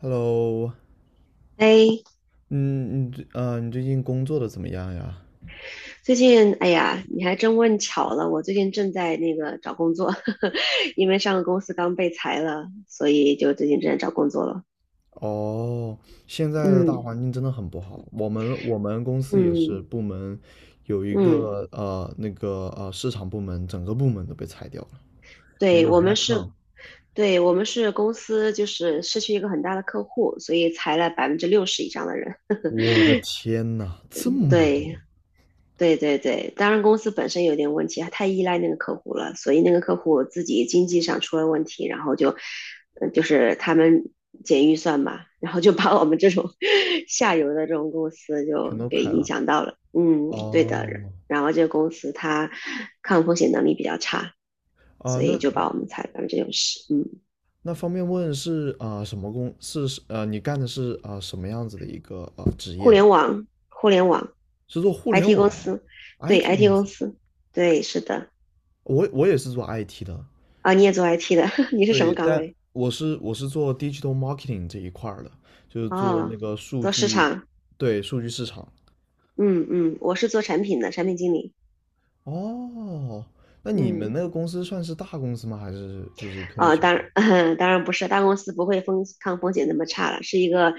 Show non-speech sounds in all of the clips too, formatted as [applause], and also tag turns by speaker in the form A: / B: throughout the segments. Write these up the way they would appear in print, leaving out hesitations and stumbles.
A: Hello，
B: 哎，
A: 嗯，你最你最近工作的怎么样呀？
B: 最近，哎呀，你还真问巧了，我最近正在那个找工作，[laughs] 呵呵，因为上个公司刚被裁了，所以就最近正在找工作了。
A: 哦，现在的大
B: 嗯
A: 环境真的很不好。我们公司也是
B: 嗯
A: 部门有一
B: 嗯，
A: 个那个市场部门，整个部门都被裁掉了，没
B: 对，
A: 有
B: 我们
A: headcount。
B: 是，对，我们是公司，就是失去一个很大的客户，所以裁了60%以上的人。
A: 我的天呐，这么多，
B: 对，对对对，当然公司本身有点问题，它太依赖那个客户了，所以那个客户自己经济上出了问题，然后就，就是他们减预算嘛，然后就把我们这种 [laughs] 下游的这种公司
A: 全
B: 就
A: 都
B: 给
A: 开
B: 影
A: 了。
B: 响到了。嗯，对的。
A: 哦，
B: 然后这个公司它抗风险能力比较差，
A: 啊、
B: 所以
A: 那
B: 就把
A: 那
B: 我们裁干这种事。嗯，
A: 那方便问是什么工？是你干的是什么样子的一个职
B: 互
A: 业呢？
B: 联网，互联网
A: 是做互联
B: ，IT 公
A: 网的
B: 司，对
A: IT
B: ，IT
A: 公
B: 公
A: 司。
B: 司，对，是的。
A: 我也是做 IT 的，
B: 啊，你也做 IT 的，[laughs] 你是什
A: 对，
B: 么岗
A: 但
B: 位？
A: 我是做 digital marketing 这一块儿的，就是做那
B: 哦，
A: 个数
B: 做市
A: 据，
B: 场，
A: 对，数据市场。
B: 嗯嗯，我是做产品的，产品经理，
A: 哦，那你们
B: 嗯，
A: 那个公司算是大公司吗？还是就是偏
B: 哦，
A: 小？
B: 当然，[laughs] 当然不是，大公司不会抗风险那么差了，是一个，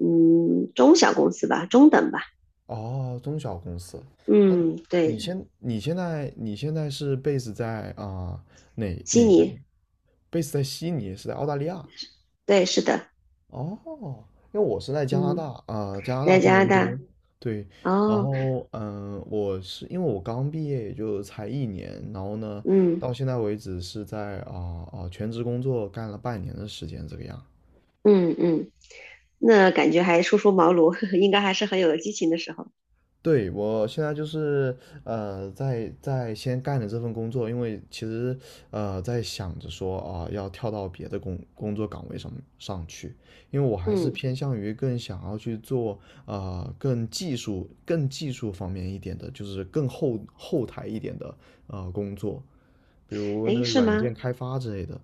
B: 嗯，中小公司吧，中等吧，
A: 哦，中小公司。那
B: 嗯，对，
A: 你现在是 base 在哪
B: 悉
A: 哪个地
B: 尼，
A: ？base 在悉尼，是在澳大利亚。
B: 对，是的，
A: 哦，因为我是在加拿
B: 嗯，
A: 大，加拿大
B: 在
A: 多
B: 加拿
A: 伦多，
B: 大，
A: 对，然
B: 哦，
A: 后我是因为我刚毕业也就才1年，然后呢，
B: 嗯
A: 到现在为止是在全职工作干了半年的时间这个样。
B: 嗯嗯，那感觉还初出茅庐，[laughs] 应该还是很有激情的时候，
A: 对，我现在就是在先干着这份工作，因为其实在想着说要跳到别的工作岗位上去，因为我还是
B: 嗯，
A: 偏向于更想要去做更技术方面一点的，就是更后台一点的工作，比如那
B: 诶，
A: 个
B: 是
A: 软件
B: 吗？
A: 开发之类的。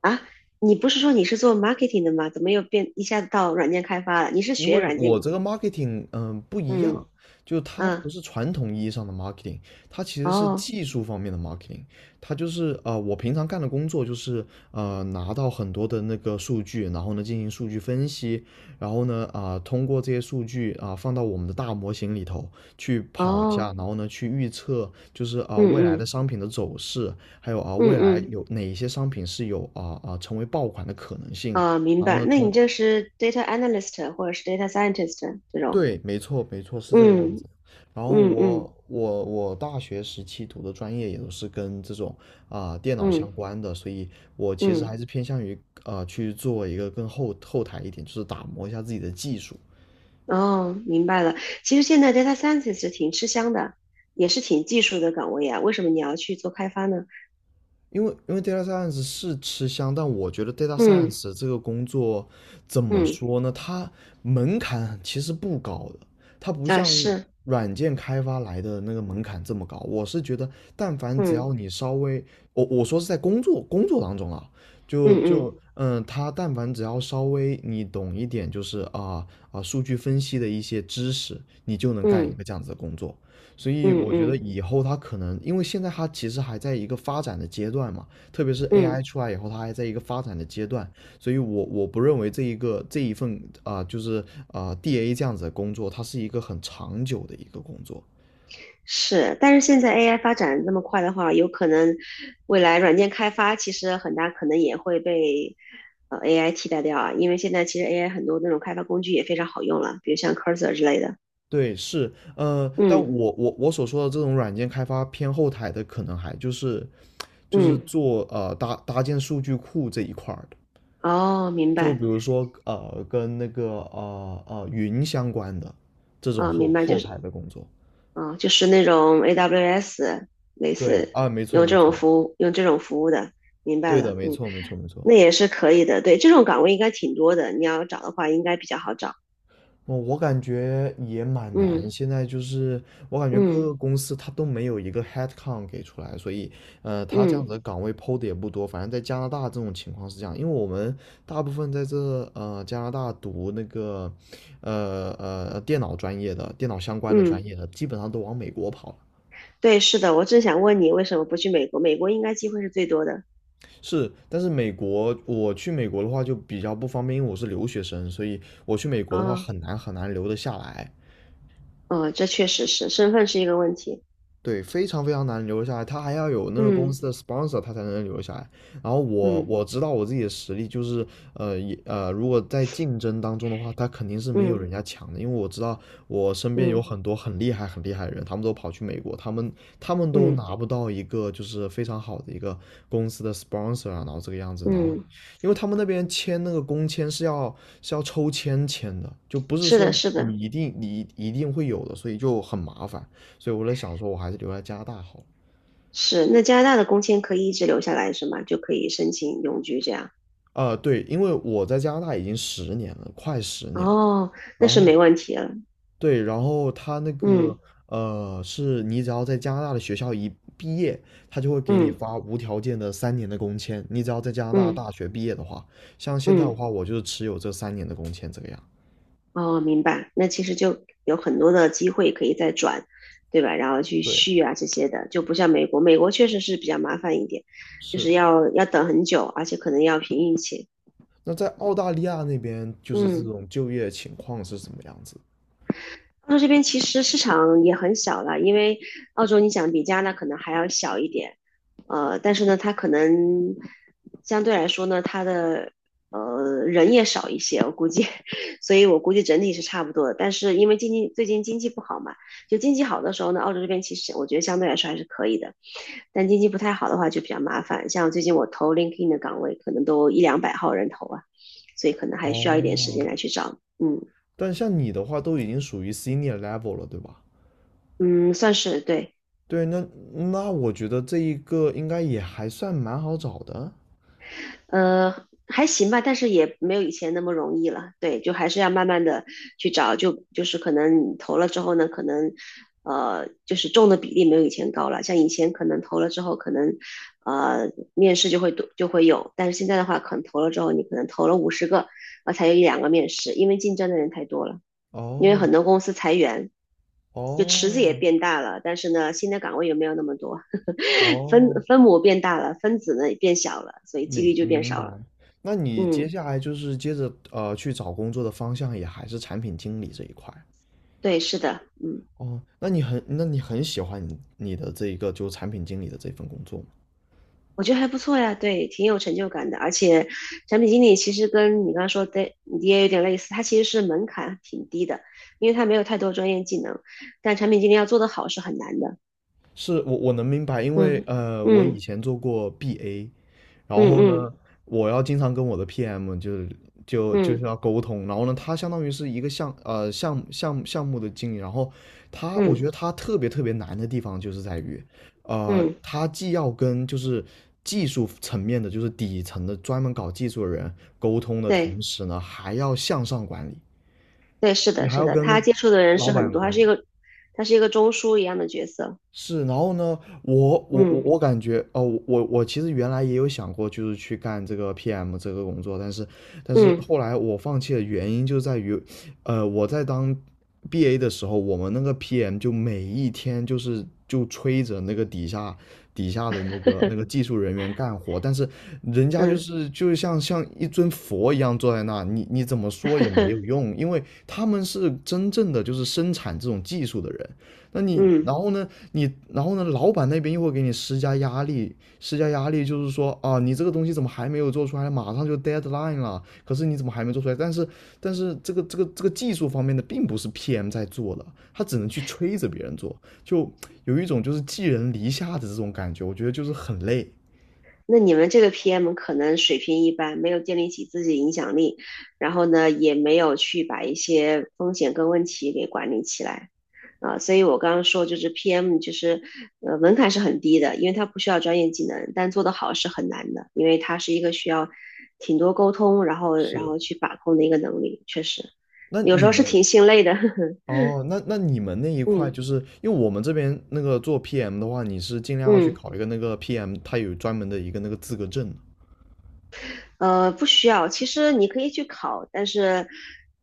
B: 啊，你不是说你是做 marketing 的吗？怎么又变一下子到软件开发了？你是
A: 因
B: 学
A: 为
B: 软
A: 我
B: 件？
A: 这个 marketing，不一
B: 嗯。
A: 样，就它不
B: 嗯，
A: 是传统意义上的 marketing，它其实是
B: 哦，
A: 技术方面的 marketing，它就是我平常干的工作就是拿到很多的那个数据，然后呢进行数据分析，然后呢通过这些数据放到我们的大模型里头去跑一下，
B: 哦，
A: 然后呢去预测就是
B: 嗯
A: 未来的
B: 嗯
A: 商品的走势，还有
B: 嗯
A: 未来
B: 嗯，
A: 有哪一些商品是有成为爆款的可能性，
B: 啊，明
A: 然后
B: 白。
A: 呢
B: 那你
A: 通
B: 就是 data analyst 或者是 data scientist 这种？
A: 对，没错，没错，是这个样
B: 嗯
A: 子。然后
B: 嗯嗯
A: 我大学时期读的专业也都是跟这种电脑相
B: 嗯
A: 关的，所以我其实
B: 嗯，
A: 还是偏向于去做一个更后台一点，就是打磨一下自己的技术。
B: 哦，明白了。其实现在 data scientist 挺吃香的，也是挺技术的岗位啊。为什么你要去做开发呢？
A: 因为 data science 是吃香，但我觉得 data
B: 嗯
A: science 这个工作怎么
B: 嗯，
A: 说呢？它门槛其实不高的，它不
B: 啊
A: 像
B: 是，
A: 软件开发来的那个门槛这么高。我是觉得，但凡只要你稍微，我说是在工作当中啊，就
B: 嗯嗯
A: 就嗯，他但凡只要稍微你懂一点，就是数据分析的一些知识，你就能干一
B: 嗯
A: 个这样子的工作。所以
B: 嗯嗯
A: 我觉
B: 嗯
A: 得
B: 嗯。
A: 以后它可能，因为现在它其实还在一个发展的阶段嘛，特别是
B: 嗯
A: AI 出来以后，它还在一个发展的阶段，所以我不认为这一个这一份就是DA 这样子的工作，它是一个很长久的一个工作。
B: 是，但是现在 AI 发展得那么快的话，有可能未来软件开发其实很大可能也会被AI 替代掉啊，因为现在其实 AI 很多那种开发工具也非常好用了，比如像 Cursor 之类的。
A: 对，是，但
B: 嗯
A: 我所说的这种软件开发偏后台的，可能还就是
B: 嗯，
A: 做搭建数据库这一块儿的，
B: 哦，明
A: 就
B: 白，
A: 比如说跟那个云相关的这种
B: 啊、
A: 后
B: 明白，就
A: 后
B: 是
A: 台的工作。
B: 啊、就是那种 AWS 类
A: 对
B: 似
A: 啊，没错
B: 用这
A: 没
B: 种
A: 错，
B: 服务用这种服务的，明白
A: 对的，
B: 了，
A: 没
B: 嗯，
A: 错没错没错。
B: 那也是可以的，对，这种岗位应该挺多的，你要找的话应该比较好找。
A: 我感觉也蛮
B: 嗯
A: 难，现在就是我感觉各
B: 嗯
A: 个公司它都没有一个 headcount 给出来，所以它这样
B: 嗯
A: 子的岗位抛的也不多。反正在加拿大这种情况是这样，因为我们大部分在这加拿大读那个电脑专业的、电脑相关的专
B: 嗯。
A: 业的，基本上都往美国跑了。
B: 对，是的，我正想问你为什么不去美国？美国应该机会是最多的。
A: 是，但是美国我去美国的话就比较不方便，因为我是留学生，所以我去美国的话
B: 哦，
A: 很难很难留得下来。
B: 哦，这确实是，身份是一个问题。
A: 对，非常非常难留下来，他还要有那个公
B: 嗯
A: 司的 sponsor，他才能留下来。然后我
B: 嗯
A: 我知道我自己的实力，就是也如果在竞争当中的话，他肯定是没有
B: 嗯
A: 人家强的，因为我知道我身边有
B: 嗯
A: 很多很厉害很厉害的人，他们都跑去美国，他们都
B: 嗯
A: 拿不到一个就是非常好的一个公司的 sponsor 啊，然后这个样子，然后
B: 嗯，
A: 因为他们那边签那个工签是要抽签的，就不是
B: 是的，
A: 说
B: 是
A: 你
B: 的，
A: 一定你一定会有的，所以就很麻烦。所以我在想说，我还是留在加拿大好。
B: 是。那加拿大的工签可以一直留下来是吗？就可以申请永居这样？
A: 对，因为我在加拿大已经十年了，快十年了。
B: 哦，那
A: 然
B: 是
A: 后
B: 没问题了。
A: 对，然后他那个
B: 嗯
A: 是你只要在加拿大的学校一毕业，他就会给你
B: 嗯
A: 发无条件的三年的工签。你只要在加拿大
B: 嗯
A: 大学毕业的话，像现在的
B: 嗯
A: 话，我就是持有这三年的工签这个样。
B: 哦，明白。那其实就有很多的机会可以再转，对吧？然后去
A: 对，
B: 续啊这些的，就不像美国，美国确实是比较麻烦一点，就
A: 是。
B: 是要等很久，而且可能要凭运气。
A: 那在澳大利亚那边，就是这
B: 嗯。
A: 种就业情况是什么样子？
B: 澳洲这边其实市场也很小了，因为澳洲你想比加拿大可能还要小一点，但是呢，它可能相对来说呢，它的人也少一些，我估计，[laughs] 所以我估计整体是差不多的。但是因为经济最近经济不好嘛，就经济好的时候呢，澳洲这边其实我觉得相对来说还是可以的，但经济不太好的话就比较麻烦。像最近我投 LinkedIn 的岗位，可能都一两百号人投啊，所以可能还需要一点时间
A: 哦，
B: 来去找，嗯
A: 但像你的话，都已经属于 senior level 了，对吧？
B: 嗯，算是对。
A: 对，那我觉得这一个应该也还算蛮好找的。
B: 呃，还行吧，但是也没有以前那么容易了。对，就还是要慢慢的去找，就是可能你投了之后呢，可能，就是中的比例没有以前高了。像以前可能投了之后，可能面试就会多就会有，但是现在的话，可能投了之后，你可能投了50个，啊才有一两个面试，因为竞争的人太多了，因为很
A: 哦
B: 多公司裁员，就池子也
A: 哦
B: 变大了，但是呢，新的岗位也没有那么多。[laughs]
A: 哦，
B: 分母变大了，分子呢也变小了，所以几率
A: 明
B: 就变
A: 明
B: 少了。
A: 白。那你接
B: 嗯，
A: 下来就是接着去找工作的方向也还是产品经理这一块。
B: 对，是的，嗯，
A: 哦，那你很那你很喜欢你的这一个就产品经理的这份工作吗？
B: 我觉得还不错呀，对，挺有成就感的。而且产品经理其实跟你刚刚说的你也有点类似，他其实是门槛挺低的，因为他没有太多专业技能，但产品经理要做得好是很难的。
A: 是我能明白，因为
B: 嗯
A: 我以
B: 嗯
A: 前做过 BA，然
B: 嗯
A: 后
B: 嗯
A: 呢，我要经常跟我的 PM 就是
B: 嗯
A: 要沟通，然后呢，他相当于是一个项目的经理，然后他我
B: 嗯
A: 觉得他特别特别难的地方就是在于，
B: 嗯，
A: 他既要跟就是技术层面的，就是底层的专门搞技术的人沟通的
B: 对
A: 同时呢，还要向上管理，
B: 对，是
A: 你
B: 的，
A: 还
B: 是
A: 要
B: 的，
A: 跟
B: 他接触的人
A: 老
B: 是很
A: 板
B: 多，他
A: 管
B: 是
A: 理，
B: 一个他是一个中枢一样的角色。
A: 是，然后呢，我我我
B: 嗯
A: 我感觉哦，我其实原来也有想过，就是去干这个 PM 这个工作，但是
B: 嗯
A: 后来我放弃的原因就在于，我在当 BA 的时候，我们那个 PM 就每一天就催着那个底下的那个
B: [laughs]
A: 技术人员干活，但是人家就
B: 嗯。
A: 是就像像一尊佛一样坐在那，你怎么说也没有
B: [laughs]
A: 用，因为他们是真正的就是生产这种技术的人。那你，然
B: 嗯，
A: 后呢，你，然后呢，老板那边又会给你施加压力，施加压力就是说啊，你这个东西怎么还没有做出来？马上就 deadline 了，可是你怎么还没做出来？但是，这个技术方面的并不是 PM 在做的，他只能去催着别人做，就有一种就是寄人篱下的这种感觉，我觉得就是很累。
B: 那你们这个 PM 可能水平一般，没有建立起自己的影响力，然后呢，也没有去把一些风险跟问题给管理起来啊，所以我刚刚说就是 PM 就是门槛是很低的，因为它不需要专业技能，但做得好是很难的，因为它是一个需要挺多沟通，然后然
A: 是，
B: 后去把控的一个能力，确实
A: 那
B: 有时
A: 你
B: 候是
A: 们
B: 挺心累的。[laughs]
A: 哦，那你们那一块，
B: 嗯
A: 就是因为我们这边那个做 PM 的话，你是尽量要去
B: 嗯。
A: 考一个那个 PM，它有专门的一个那个资格证的。
B: 不需要。其实你可以去考，但是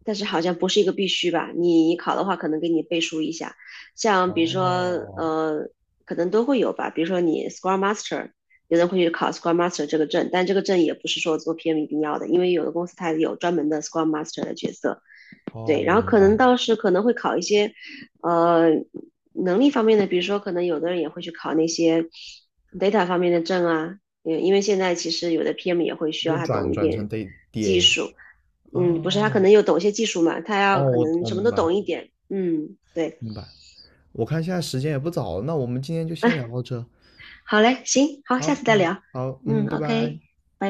B: 好像不是一个必须吧？你考的话，可能给你背书一下，像比如说
A: 哦
B: 呃，可能都会有吧。比如说你 s c r e m a s t e r 有人会去考 s c r e m a s t e r 这个证，但这个证也不是说做 PM 一定要的，因为有的公司它有专门的 s c r e Master 的角色，
A: 哦，
B: 对，
A: 我
B: 然后
A: 明
B: 可
A: 白，
B: 能倒是可能会考一些，呃，能力方面的，比如说可能有的人也会去考那些 data 方面的证啊，嗯，因为现在其实有的 PM 也会需
A: 就
B: 要他
A: 转
B: 懂一
A: 转成
B: 点
A: D D
B: 技
A: A。
B: 术，嗯，不是他可
A: 哦
B: 能又懂一些技术嘛，他要
A: 哦，
B: 可
A: 我
B: 能
A: 我
B: 什么
A: 明
B: 都
A: 白
B: 懂一点，嗯，对，
A: 明白。我看现在时间也不早了，那我们今天就
B: [laughs]
A: 先聊
B: 哎，
A: 到这。
B: 好嘞，行，好，下
A: 好，
B: 次再
A: 嗯，
B: 聊，
A: 好，
B: 嗯
A: 嗯，拜拜。
B: ，OK，拜拜。